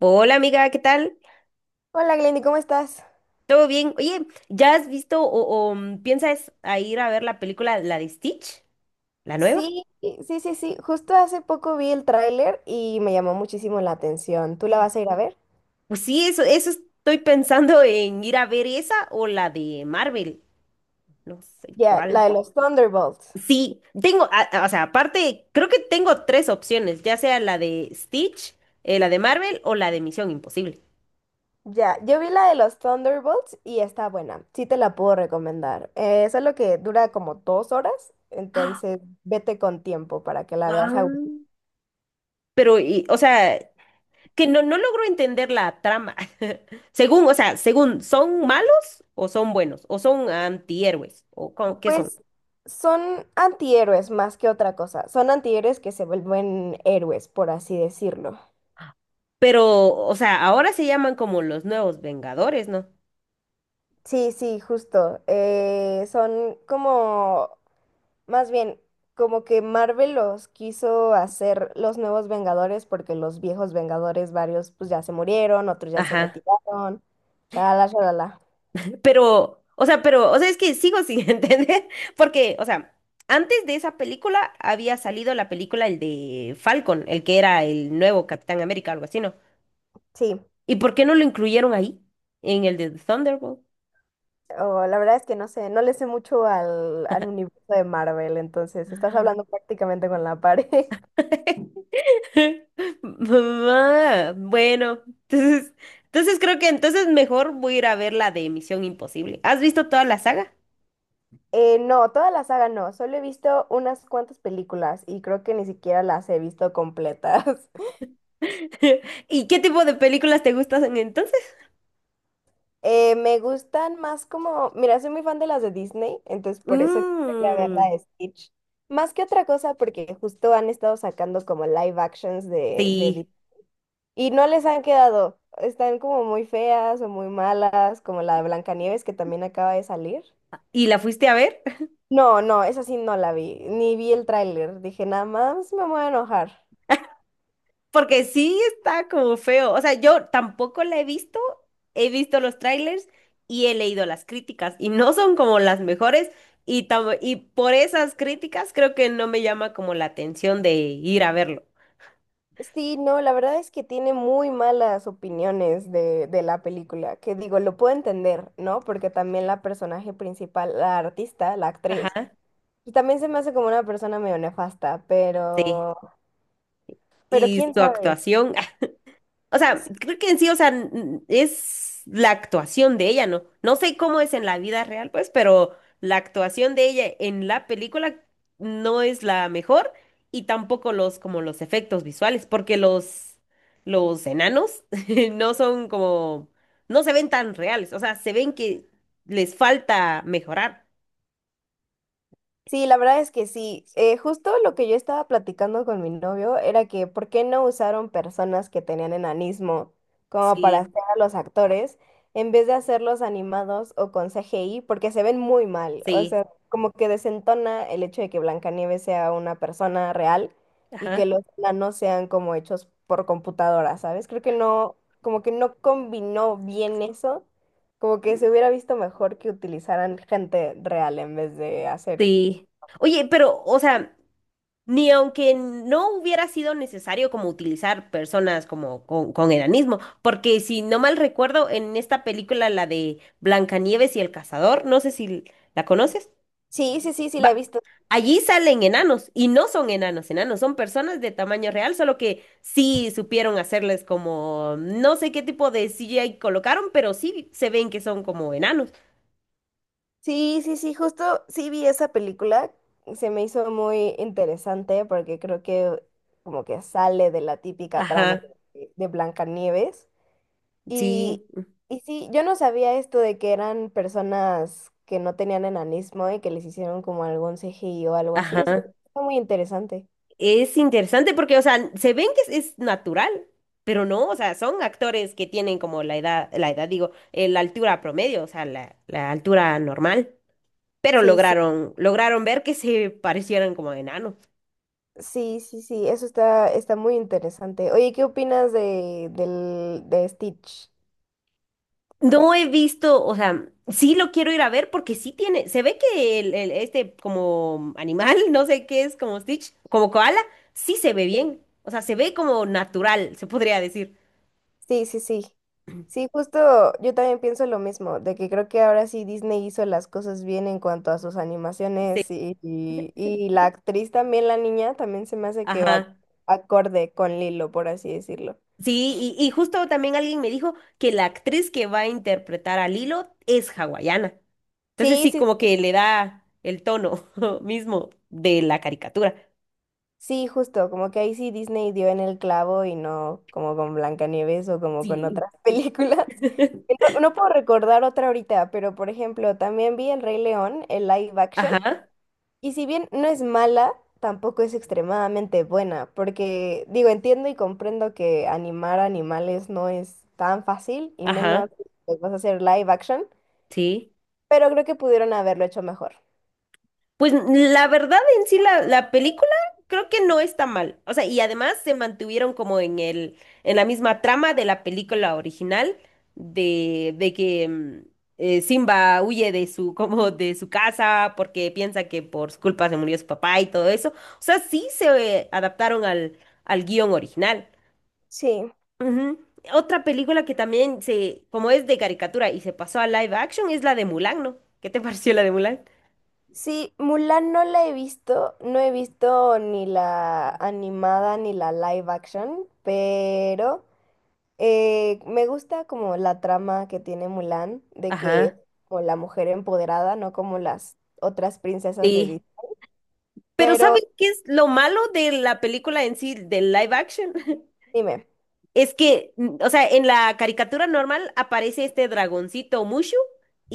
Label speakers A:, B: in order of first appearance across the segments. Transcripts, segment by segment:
A: Hola amiga, ¿qué tal?
B: Hola Glendy, ¿cómo estás?
A: ¿Todo bien? Oye, ¿ya has visto o piensas a ir a ver la película, la de Stitch, la nueva?
B: Sí, sí, sí, sí. Justo hace poco vi el tráiler y me llamó muchísimo la atención. ¿Tú la vas a ir a ver?
A: Pues sí, eso estoy pensando en ir a ver esa o la de Marvel, no sé
B: Ya, la de
A: cuál.
B: los Thunderbolts.
A: Sí, tengo, o sea, aparte, creo que tengo tres opciones, ya sea la de Stitch, la de Marvel o la de Misión Imposible.
B: Ya, yo vi la de los Thunderbolts y está buena. Sí te la puedo recomendar. Solo que dura como 2 horas, entonces vete con tiempo para que la veas
A: Ah.
B: a gusto.
A: Pero, o sea, que no logro entender la trama. Según, o sea, según, ¿son malos o son buenos? ¿O son antihéroes? ¿O cómo- qué son?
B: Pues son antihéroes más que otra cosa. Son antihéroes que se vuelven héroes, por así decirlo.
A: Pero, o sea, ahora se llaman como los nuevos Vengadores, ¿no?
B: Sí, sí, justo. Son como más bien, como que Marvel los quiso hacer los nuevos Vengadores porque los viejos Vengadores, varios pues ya se murieron, otros ya se
A: Ajá.
B: retiraron. Shalala, shalala.
A: Pero, o sea, es que sigo sin entender, porque, o sea, antes de esa película había salido la película, el de Falcon, el que era el nuevo Capitán América, algo así, ¿no?
B: Sí,
A: ¿Y por qué no lo incluyeron ahí, en el de Thunderbolt?
B: o la verdad es que no sé, no le sé mucho al universo de Marvel, entonces estás
A: Ah.
B: hablando prácticamente con la pared.
A: Mamá, bueno, entonces, entonces creo que entonces mejor voy a ir a ver la de Misión Imposible. ¿Has visto toda la saga?
B: No, toda la saga no, solo he visto unas cuantas películas y creo que ni siquiera las he visto completas.
A: ¿Y qué tipo de películas te gustan entonces?
B: Me gustan más como, mira, soy muy fan de las de Disney, entonces por eso quiero ir a ver
A: Mm,
B: la de Stitch. Más que otra cosa, porque justo han estado sacando como live actions de Disney
A: sí.
B: y no les han quedado. Están como muy feas o muy malas, como la de Blancanieves que también acaba de salir.
A: ¿Y la fuiste a ver?
B: No, no, esa sí no la vi, ni vi el tráiler. Dije, nada más me voy a enojar.
A: Porque sí está como feo. O sea, yo tampoco la he visto. He visto los trailers y he leído las críticas y no son como las mejores. Y, y por esas críticas creo que no me llama como la atención de ir a verlo.
B: Sí, no, la verdad es que tiene muy malas opiniones de la película, que digo, lo puedo entender, ¿no? Porque también la personaje principal, la artista, la actriz,
A: Ajá,
B: y también se me hace como una persona medio nefasta,
A: sí.
B: pero
A: Y
B: quién
A: su
B: sabe.
A: actuación, ah, o sea, creo que en sí, o sea, es la actuación de ella, ¿no? No sé cómo es en la vida real, pues, pero la actuación de ella en la película no es la mejor y tampoco los, como los efectos visuales, porque los enanos no son como, no se ven tan reales, o sea, se ven que les falta mejorar.
B: Sí, la verdad es que sí. Justo lo que yo estaba platicando con mi novio era que por qué no usaron personas que tenían enanismo como para
A: Sí,
B: hacer a los actores en vez de hacerlos animados o con CGI, porque se ven muy mal. O
A: sí,
B: sea, como que desentona el hecho de que Blancanieves sea una persona real y que
A: ajá,
B: los enanos sean como hechos por computadora, ¿sabes? Creo que no, como que no combinó bien eso. Como que se hubiera visto mejor que utilizaran gente real en vez de hacer.
A: sí. Oye, pero, o sea... Ni aunque no hubiera sido necesario como utilizar personas como con enanismo, porque si no mal recuerdo, en esta película, la de Blancanieves y el cazador, no sé si la conoces,
B: Sí, sí, sí, sí, la he
A: va,
B: visto.
A: allí salen enanos y no son enanos, enanos, son personas de tamaño real, solo que sí supieron hacerles como, no sé qué tipo de CGI colocaron, pero sí se ven que son como enanos.
B: Sí, sí, sí, justo sí vi esa película. Se me hizo muy interesante porque creo que como que sale de la típica trama
A: Ajá,
B: de Blancanieves.
A: sí,
B: Y, y sí, yo no sabía esto de que eran personas que no tenían enanismo y que les hicieron como algún CGI o algo así. Eso
A: ajá.
B: está muy interesante.
A: Es interesante porque, o sea, se ven que es natural, pero no, o sea, son actores que tienen como la edad, digo, la altura promedio, o sea, la altura normal, pero
B: Sí, sí,
A: lograron ver que se parecieran como a enanos.
B: sí, sí, sí, eso está, está muy interesante. Oye, ¿qué opinas de, del, de Stitch?
A: No he visto, o sea, sí lo quiero ir a ver porque sí tiene, se ve que este como animal, no sé qué es, como Stitch, como koala, sí se ve bien, o sea, se ve como natural, se podría decir.
B: Sí, sí, sí. Sí, justo yo también pienso lo mismo, de que creo que ahora sí Disney hizo las cosas bien en cuanto a sus
A: Sí,
B: animaciones y la actriz también, la niña, también se me hace que va
A: ajá.
B: acorde con Lilo, por así decirlo.
A: Sí, y justo también alguien me dijo que la actriz que va a interpretar a Lilo es hawaiana. Entonces
B: Sí,
A: sí,
B: sí,
A: como que le da el tono mismo de la caricatura.
B: sí, justo, como que ahí sí Disney dio en el clavo y no como con Blancanieves o como con
A: Sí.
B: otras películas. No, no puedo recordar otra ahorita, pero por ejemplo, también vi El Rey León, el live action.
A: Ajá,
B: Y si bien no es mala, tampoco es extremadamente buena, porque digo, entiendo y comprendo que animar animales no es tan fácil y
A: ajá,
B: menos pues, vas a hacer live action,
A: sí.
B: pero creo que pudieron haberlo hecho mejor.
A: Pues la verdad en sí la película creo que no está mal. O sea, y además se mantuvieron como en en la misma trama de la película original de que Simba huye de su, como de su casa porque piensa que por su culpa se murió su papá y todo eso. O sea, sí se adaptaron al guión original.
B: Sí.
A: Ujú. Otra película que también se, como es de caricatura y se pasó a live action es la de Mulan, ¿no? ¿Qué te pareció la de Mulan?
B: Sí, Mulan no la he visto, no he visto ni la animada ni la live action, pero me gusta como la trama que tiene Mulan, de que es
A: Ajá.
B: como la mujer empoderada, no como las otras princesas de Disney.
A: Sí. Pero
B: Pero
A: ¿sabes qué es lo malo de la película en sí, del live action?
B: dime.
A: Es que, o sea, en la caricatura normal aparece este dragoncito Mushu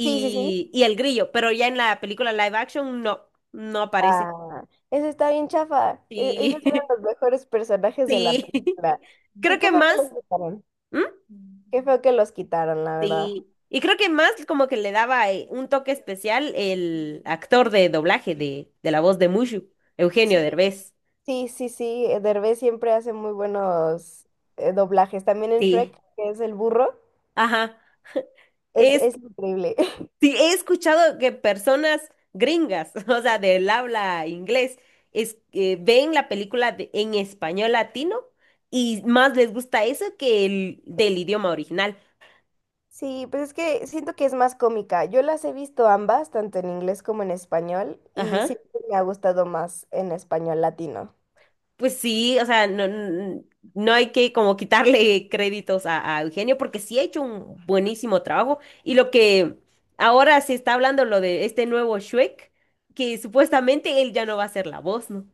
B: Sí, sí, sí.
A: y el grillo, pero ya en la película live action no aparece.
B: Ah, eso está bien chafa. E- ellos
A: Sí,
B: eran los mejores personajes de la
A: sí.
B: película.
A: Creo
B: ¿Qué,
A: que
B: qué feo
A: más,
B: que los quitaron?
A: ¿mm?
B: Qué fue que los quitaron, la verdad.
A: Sí. Y creo que más como que le daba un toque especial el actor de doblaje de la voz de Mushu, Eugenio
B: Sí,
A: Derbez.
B: sí, sí, sí. Derbez siempre hace muy buenos doblajes. También en Shrek,
A: Sí.
B: que es el burro,
A: Ajá. Es,
B: es increíble.
A: sí, he escuchado que personas gringas, o sea, del habla inglés, es, ven la película en español latino y más les gusta eso que el del idioma original.
B: Sí, pues es que siento que es más cómica. Yo las he visto ambas, tanto en inglés como en español, y
A: Ajá.
B: siempre me ha gustado más en español latino.
A: Pues sí, o sea, no, no hay que como quitarle créditos a Eugenio porque sí ha hecho un buenísimo trabajo. Y lo que ahora se está hablando, lo de este nuevo Shrek, que supuestamente él ya no va a ser la voz, ¿no?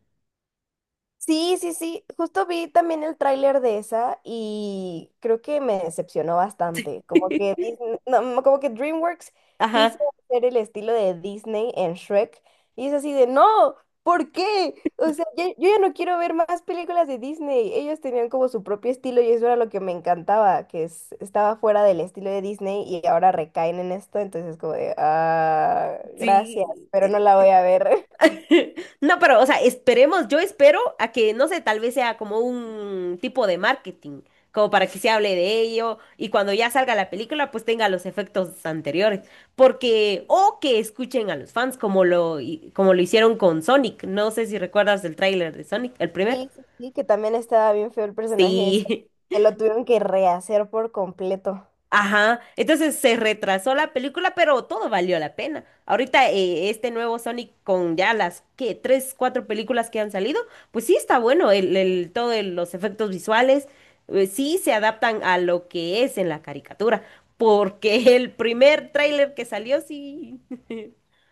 B: Sí, sí, sí. Justo vi también el tráiler de esa y creo que me decepcionó bastante. Como que Disney- no, no, como que DreamWorks quiso
A: Ajá,
B: hacer el estilo de Disney en Shrek y es así de no, ¿por qué? O sea, ya- yo ya no quiero ver más películas de Disney. Ellos tenían como su propio estilo y eso era lo que me encantaba, que es- estaba fuera del estilo de Disney y ahora recaen en esto, entonces es como de ah, gracias,
A: sí.
B: pero no la voy a ver.
A: No, pero, o sea, esperemos, yo espero a que, no sé, tal vez sea como un tipo de marketing, como para que se hable de ello y cuando ya salga la película, pues tenga los efectos anteriores, porque, o que escuchen a los fans como lo, como lo hicieron con Sonic, no sé si recuerdas el tráiler de Sonic, el primer.
B: Sí, sí, sí, que también estaba bien feo el personaje ese,
A: Sí,
B: que lo tuvieron que rehacer por completo.
A: ajá, entonces se retrasó la película, pero todo valió la pena. Ahorita este nuevo Sonic con ya las que tres, cuatro películas que han salido, pues sí está bueno los efectos visuales, sí se adaptan a lo que es en la caricatura, porque el primer tráiler que salió sí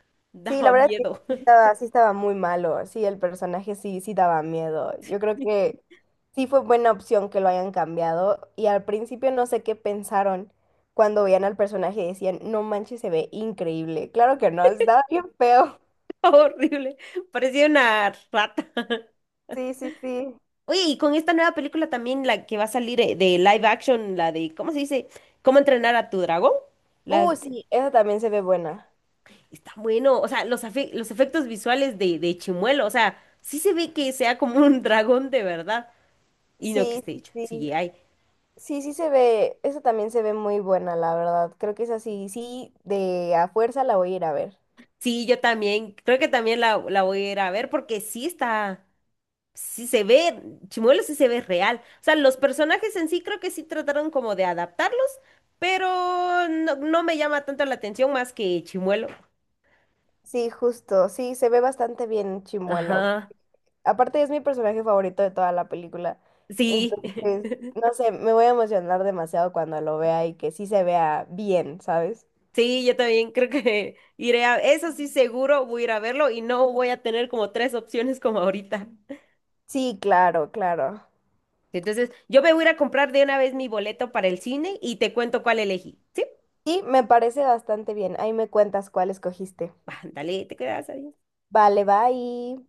B: Sí, la
A: daba
B: verdad es que
A: miedo,
B: sí estaba muy malo, sí, el personaje sí, sí daba miedo. Yo creo que sí fue buena opción que lo hayan cambiado y al principio no sé qué pensaron cuando veían al personaje y decían, no manches, se ve increíble. Claro que no, estaba bien feo.
A: horrible, parecía una rata.
B: Sí, sí, sí.
A: Oye, y con esta nueva película también la que va a salir de live action, la de ¿cómo se dice? ¿Cómo entrenar a tu dragón?
B: Sí, esa también se ve buena.
A: Está bueno, o sea, los, los efectos visuales de Chimuelo, o sea, sí se ve que sea como un dragón de verdad y no que
B: Sí,
A: esté
B: sí,
A: hecho.
B: sí.
A: Sí, hay.
B: Sí, sí se ve, esa también se ve muy buena, la verdad. Creo que es así, sí, de a fuerza la voy a ir a ver.
A: Sí, yo también, creo que también la voy a ir a ver porque sí está, sí se ve, Chimuelo sí se ve real. O sea, los personajes en sí creo que sí trataron como de adaptarlos, pero no me llama tanto la atención más que Chimuelo.
B: Sí, justo, sí, se ve bastante bien Chimuelo.
A: Ajá,
B: Aparte es mi personaje favorito de toda la película.
A: sí.
B: Entonces, no sé, me voy a emocionar demasiado cuando lo vea y que sí se vea bien, ¿sabes?
A: Sí, yo también creo que iré a... Eso sí, seguro voy a ir a verlo y no voy a tener como tres opciones como ahorita.
B: Sí, claro, claro.
A: Entonces, yo me voy a ir a comprar de una vez mi boleto para el cine y te cuento cuál elegí. ¿Sí?
B: Sí, me parece bastante bien. Ahí me cuentas cuál escogiste.
A: Ándale, te quedas ahí.
B: Vale, bye.